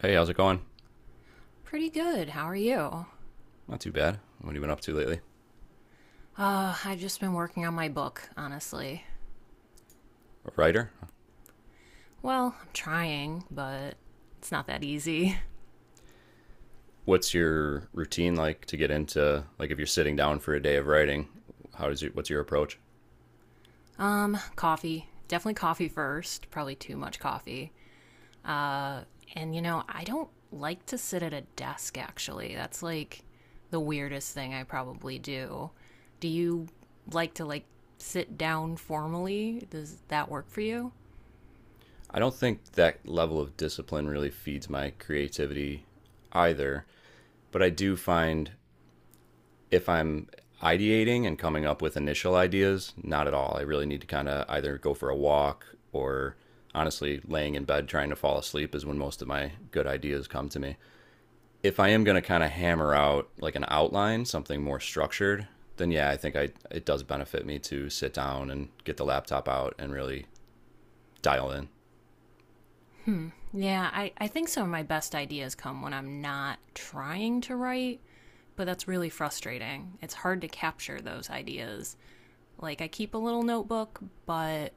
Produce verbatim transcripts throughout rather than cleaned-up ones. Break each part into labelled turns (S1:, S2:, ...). S1: Hey, how's it going?
S2: Pretty good. How are you?
S1: Not too bad. What have you been up to lately?
S2: Uh, I've just been working on my book, honestly.
S1: A writer?
S2: Well, I'm trying, but it's not that easy.
S1: What's your routine like to get into, like if you're sitting down for a day of writing? How does you? What's your approach?
S2: Um, coffee. Definitely coffee first. Probably too much coffee. Uh, and you know, I don't like to sit at a desk, actually. That's like the weirdest thing I probably do. Do you like to, like, sit down formally? Does that work for you?
S1: I don't think that level of discipline really feeds my creativity either, but I do find, if I'm ideating and coming up with initial ideas, not at all. I really need to kind of either go for a walk, or honestly laying in bed trying to fall asleep is when most of my good ideas come to me. If I am going to kind of hammer out like an outline, something more structured, then yeah, I think I it does benefit me to sit down and get the laptop out and really dial in.
S2: Yeah, I, I think some of my best ideas come when I'm not trying to write, but that's really frustrating. It's hard to capture those ideas. Like, I keep a little notebook, but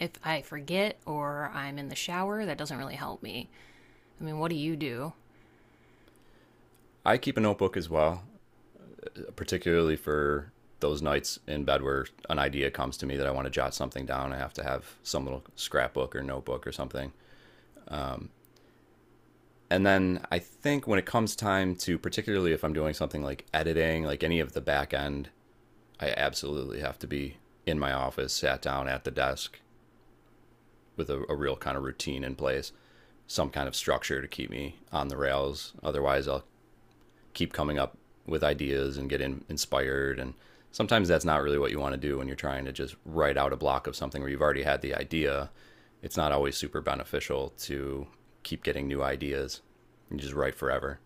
S2: if I forget or I'm in the shower, that doesn't really help me. I mean, what do you do?
S1: I keep a notebook as well, particularly for those nights in bed where an idea comes to me that I want to jot something down. I have to have some little scrapbook or notebook or something. And then I think when it comes time to, particularly if I'm doing something like editing, like any of the back end, I absolutely have to be in my office, sat down at the desk, with a, a real kind of routine in place, some kind of structure to keep me on the rails. Otherwise, I'll keep coming up with ideas and get in, inspired. And sometimes that's not really what you want to do when you're trying to just write out a block of something where you've already had the idea. It's not always super beneficial to keep getting new ideas and just write forever.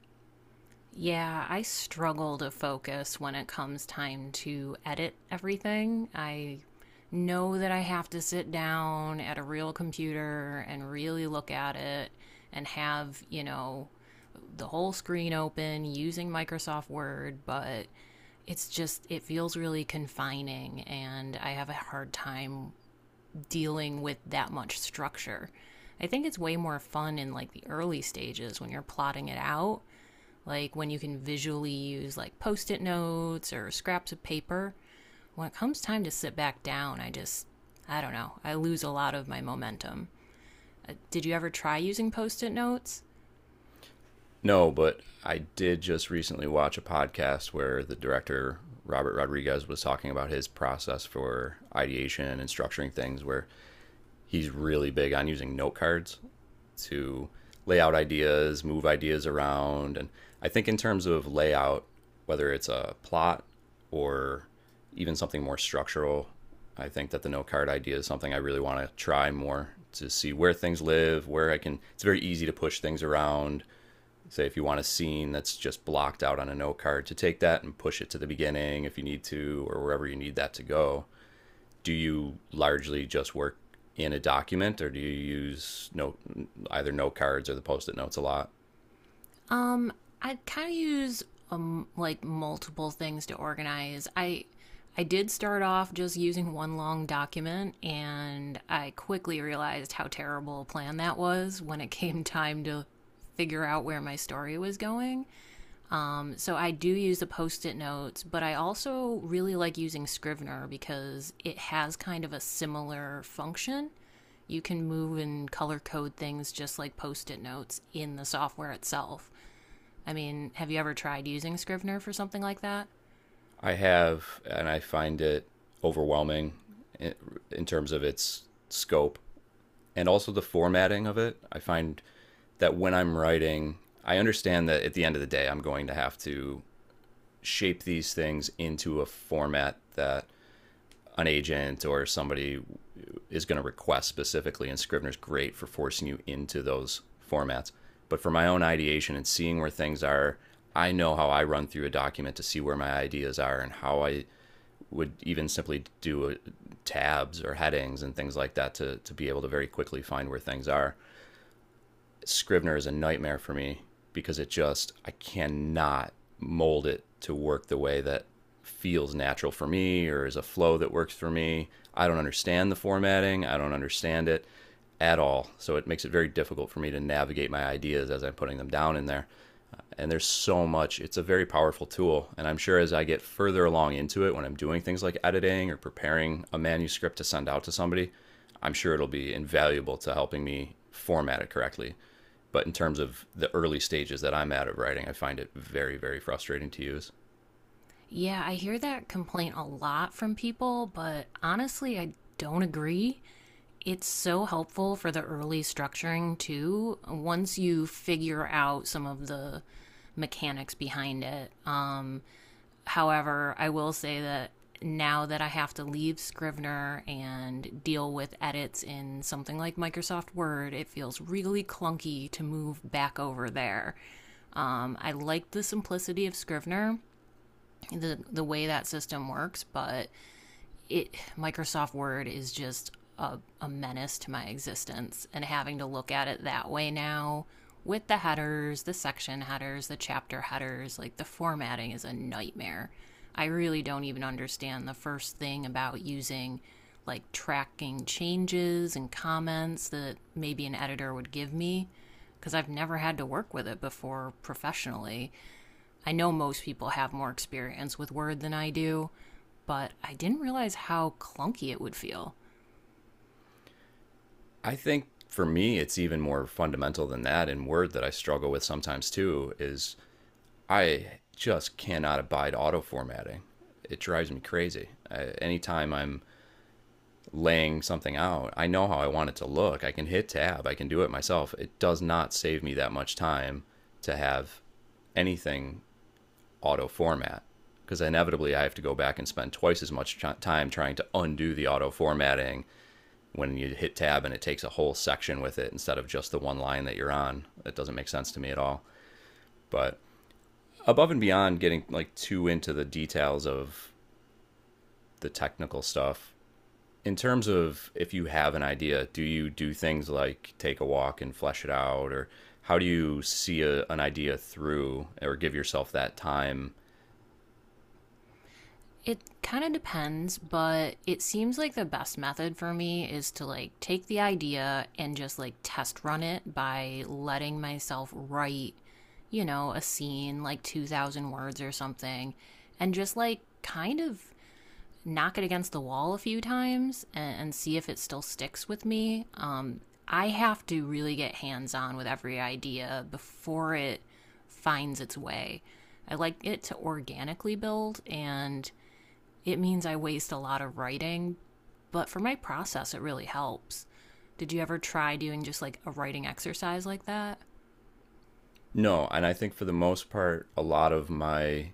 S2: Yeah, I struggle to focus when it comes time to edit everything. I know that I have to sit down at a real computer and really look at it and have, you know, the whole screen open using Microsoft Word, but it's just, it feels really confining, and I have a hard time dealing with that much structure. I think it's way more fun in like the early stages when you're plotting it out, like when you can visually use like post it notes or scraps of paper. When it comes time to sit back down, I just, I don't know, I lose a lot of my momentum. Uh, Did you ever try using post it notes?
S1: No, but I did just recently watch a podcast where the director, Robert Rodriguez, was talking about his process for ideation and structuring things, where he's really big on using note cards to lay out ideas, move ideas around. And I think, in terms of layout, whether it's a plot or even something more structural, I think that the note card idea is something I really want to try more, to see where things live, where I can. It's very easy to push things around. Say, if you want a scene that's just blocked out on a note card, to take that and push it to the beginning if you need to, or wherever you need that to go. Do you largely just work in a document, or do you use note either note cards or the post-it notes a lot?
S2: Um, I kind of use um like multiple things to organize. I I did start off just using one long document, and I quickly realized how terrible a plan that was when it came time to figure out where my story was going. Um, so I do use the post it notes, but I also really like using Scrivener because it has kind of a similar function. You can move and color code things just like post it notes in the software itself. I mean, have you ever tried using Scrivener for something like that?
S1: I have, and I find it overwhelming in, in terms of its scope, and also the formatting of it. I find that when I'm writing, I understand that at the end of the day I'm going to have to shape these things into a format that an agent or somebody is going to request specifically, and Scrivener's great for forcing you into those formats. But for my own ideation and seeing where things are, I know how I run through a document to see where my ideas are and how I would even simply do, uh, tabs or headings and things like that, to, to be able to very quickly find where things are. Scrivener is a nightmare for me because it just I cannot mold it to work the way that feels natural for me, or is a flow that works for me. I don't understand the formatting. I don't understand it at all. So it makes it very difficult for me to navigate my ideas as I'm putting them down in there. Uh, And there's so much. It's a very powerful tool. And I'm sure as I get further along into it, when I'm doing things like editing or preparing a manuscript to send out to somebody, I'm sure it'll be invaluable to helping me format it correctly. But in terms of the early stages that I'm at of writing, I find it very, very frustrating to use.
S2: Yeah, I hear that complaint a lot from people, but honestly, I don't agree. It's so helpful for the early structuring, too, once you figure out some of the mechanics behind it. Um, however, I will say that now that I have to leave Scrivener and deal with edits in something like Microsoft Word, it feels really clunky to move back over there. Um, I like the simplicity of Scrivener, the the way that system works, but it Microsoft Word is just a, a menace to my existence, and having to look at it that way now with the headers, the section headers, the chapter headers, like the formatting is a nightmare. I really don't even understand the first thing about using like tracking changes and comments that maybe an editor would give me because I've never had to work with it before professionally. I know most people have more experience with Word than I do, but I didn't realize how clunky it would feel.
S1: I think for me, it's even more fundamental than that. And Word, that I struggle with sometimes too, is I just cannot abide auto formatting. It drives me crazy. I, anytime I'm laying something out, I know how I want it to look. I can hit tab, I can do it myself. It does not save me that much time to have anything auto format, because inevitably I have to go back and spend twice as much time trying to undo the auto formatting when you hit tab and it takes a whole section with it instead of just the one line that you're on. That doesn't make sense to me at all. But above and beyond getting like too into the details of the technical stuff, in terms of, if you have an idea, do you do things like take a walk and flesh it out, or how do you see a, an idea through, or give yourself that time?
S2: It kind of depends, but it seems like the best method for me is to like take the idea and just like test run it by letting myself write, you know, a scene like two thousand words or something, and just like kind of knock it against the wall a few times and, and see if it still sticks with me. Um, I have to really get hands on with every idea before it finds its way. I like it to organically build, and it means I waste a lot of writing, but for my process, it really helps. Did you ever try doing just like a writing exercise like that?
S1: No, and I think for the most part, a lot of my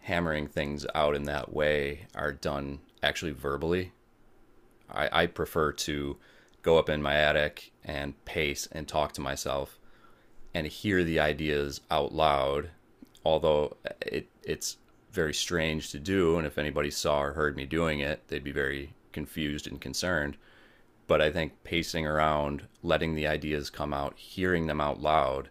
S1: hammering things out in that way are done actually verbally. I, I prefer to go up in my attic and pace and talk to myself and hear the ideas out loud, although it, it's very strange to do. And if anybody saw or heard me doing it, they'd be very confused and concerned. But I think pacing around, letting the ideas come out, hearing them out loud,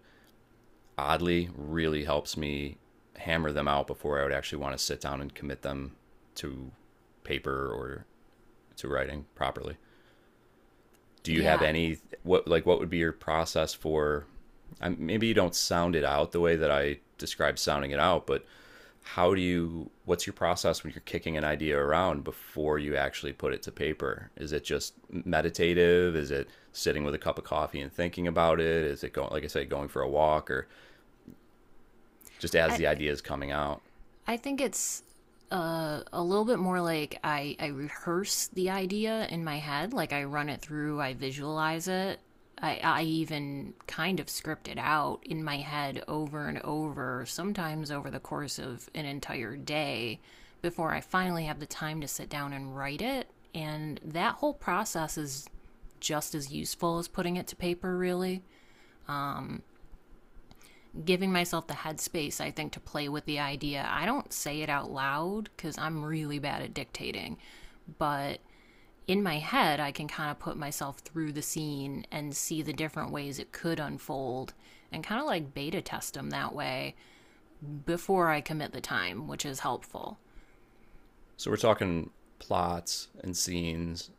S1: oddly really helps me hammer them out before I would actually want to sit down and commit them to paper, or to writing properly. Do you have
S2: Yeah,
S1: any what like what would be your process for, um, maybe you don't sound it out the way that I describe sounding it out, but how do you what's your process when you're kicking an idea around before you actually put it to paper? Is it just meditative? Is it sitting with a cup of coffee and thinking about it? Is it going, like I said, going for a walk, or just as
S2: I,
S1: the idea is coming out?
S2: I think it's uh, a little bit more like I, I rehearse the idea in my head. Like I run it through, I visualize it. I, I even kind of script it out in my head over and over, sometimes over the course of an entire day before I finally have the time to sit down and write it. And that whole process is just as useful as putting it to paper, really giving myself the headspace, I think, to play with the idea. I don't say it out loud because I'm really bad at dictating, but in my head, I can kind of put myself through the scene and see the different ways it could unfold and kind of like beta test them that way before I commit the time, which is helpful.
S1: So we're talking plots and scenes.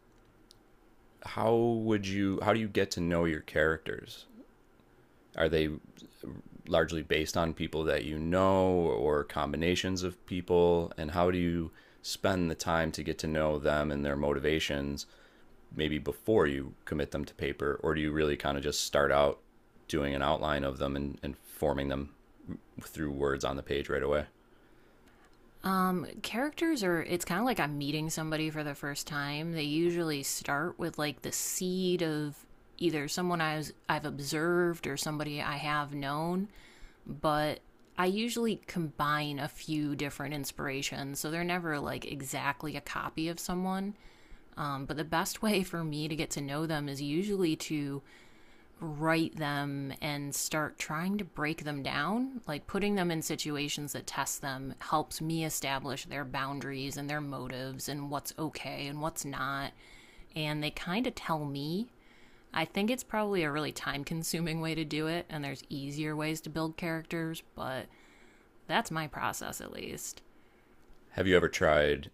S1: How would you how do you get to know your characters? Are they largely based on people that you know, or combinations of people, and how do you spend the time to get to know them and their motivations, maybe before you commit them to paper, or do you really kind of just start out doing an outline of them and, and forming them through words on the page right away?
S2: Um, characters are, it's kind of like I'm meeting somebody for the first time. They usually start with like the seed of either someone I've, I've observed or somebody I have known but I usually combine a few different inspirations, so they're never like exactly a copy of someone. Um, but the best way for me to get to know them is usually to write them and start trying to break them down. Like putting them in situations that test them helps me establish their boundaries and their motives and what's okay and what's not. And they kind of tell me I think it's probably a really time consuming way to do it, and there's easier ways to build characters, but that's my process, at least.
S1: Have you ever tried?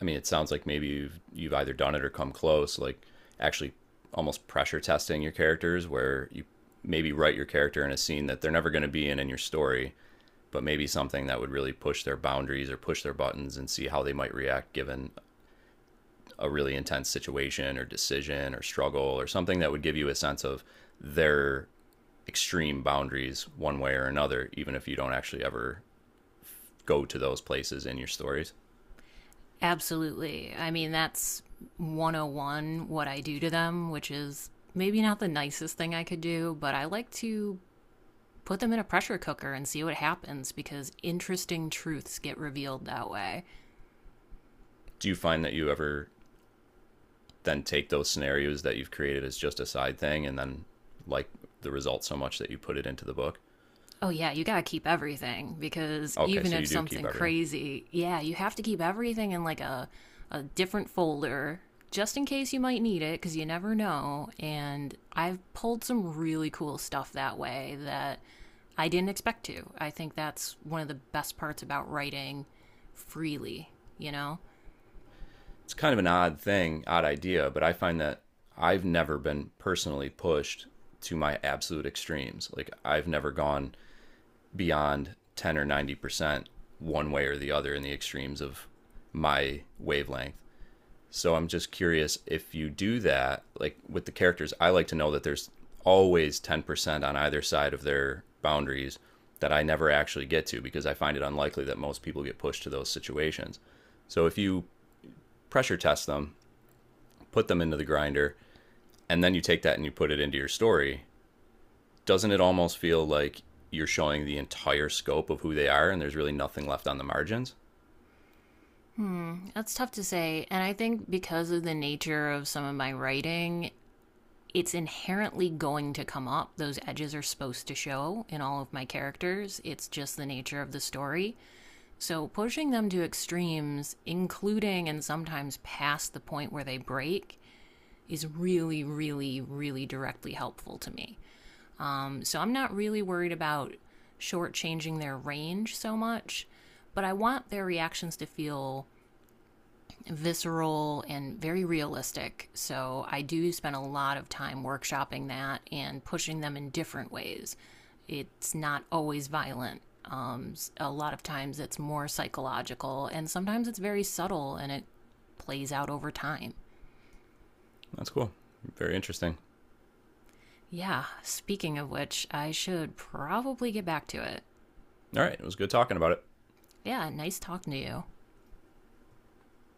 S1: I mean, it sounds like maybe you've you've either done it or come close, like actually almost pressure testing your characters, where you maybe write your character in a scene that they're never going to be in in your story, but maybe something that would really push their boundaries or push their buttons and see how they might react, given a really intense situation or decision or struggle or something that would give you a sense of their extreme boundaries one way or another, even if you don't actually ever go to those places in your stories.
S2: Absolutely. I mean, that's one oh one what I do to them, which is maybe not the nicest thing I could do, but I like to put them in a pressure cooker and see what happens because interesting truths get revealed that way.
S1: Do you find that you ever then take those scenarios that you've created as just a side thing, and then, like, the result so much that you put it into the book?
S2: Oh, yeah, you gotta keep everything because
S1: Okay,
S2: even
S1: so
S2: if
S1: you do keep
S2: something
S1: everything.
S2: crazy, yeah, you have to keep everything in like a, a different folder just in case you might need it because you never know. And I've pulled some really cool stuff that way that I didn't expect to. I think that's one of the best parts about writing freely, you know?
S1: It's kind of an odd thing, odd idea, but I find that I've never been personally pushed to my absolute extremes. Like, I've never gone beyond ten or ninety percent one way or the other, in the extremes of my wavelength. So I'm just curious if you do that. Like, with the characters, I like to know that there's always ten percent on either side of their boundaries that I never actually get to, because I find it unlikely that most people get pushed to those situations. So if you pressure test them, put them into the grinder, and then you take that and you put it into your story, doesn't it almost feel like you're showing the entire scope of who they are, and there's really nothing left on the margins?
S2: That's tough to say. And I think because of the nature of some of my writing it's inherently going to come up. Those edges are supposed to show in all of my characters. It's just the nature of the story. So pushing them to extremes, including and sometimes past the point where they break, is really, really, really directly helpful to me. Um, so I'm not really worried about shortchanging their range so much, but I want their reactions to feel visceral and very realistic. So I do spend a lot of time workshopping that and pushing them in different ways. It's not always violent. Um, s- a lot of times it's more psychological, and sometimes it's very subtle and it plays out over time.
S1: That's cool. Very interesting.
S2: Yeah, speaking of which, I should probably get back to it.
S1: All right. It was good talking about it.
S2: Yeah, nice talking to you.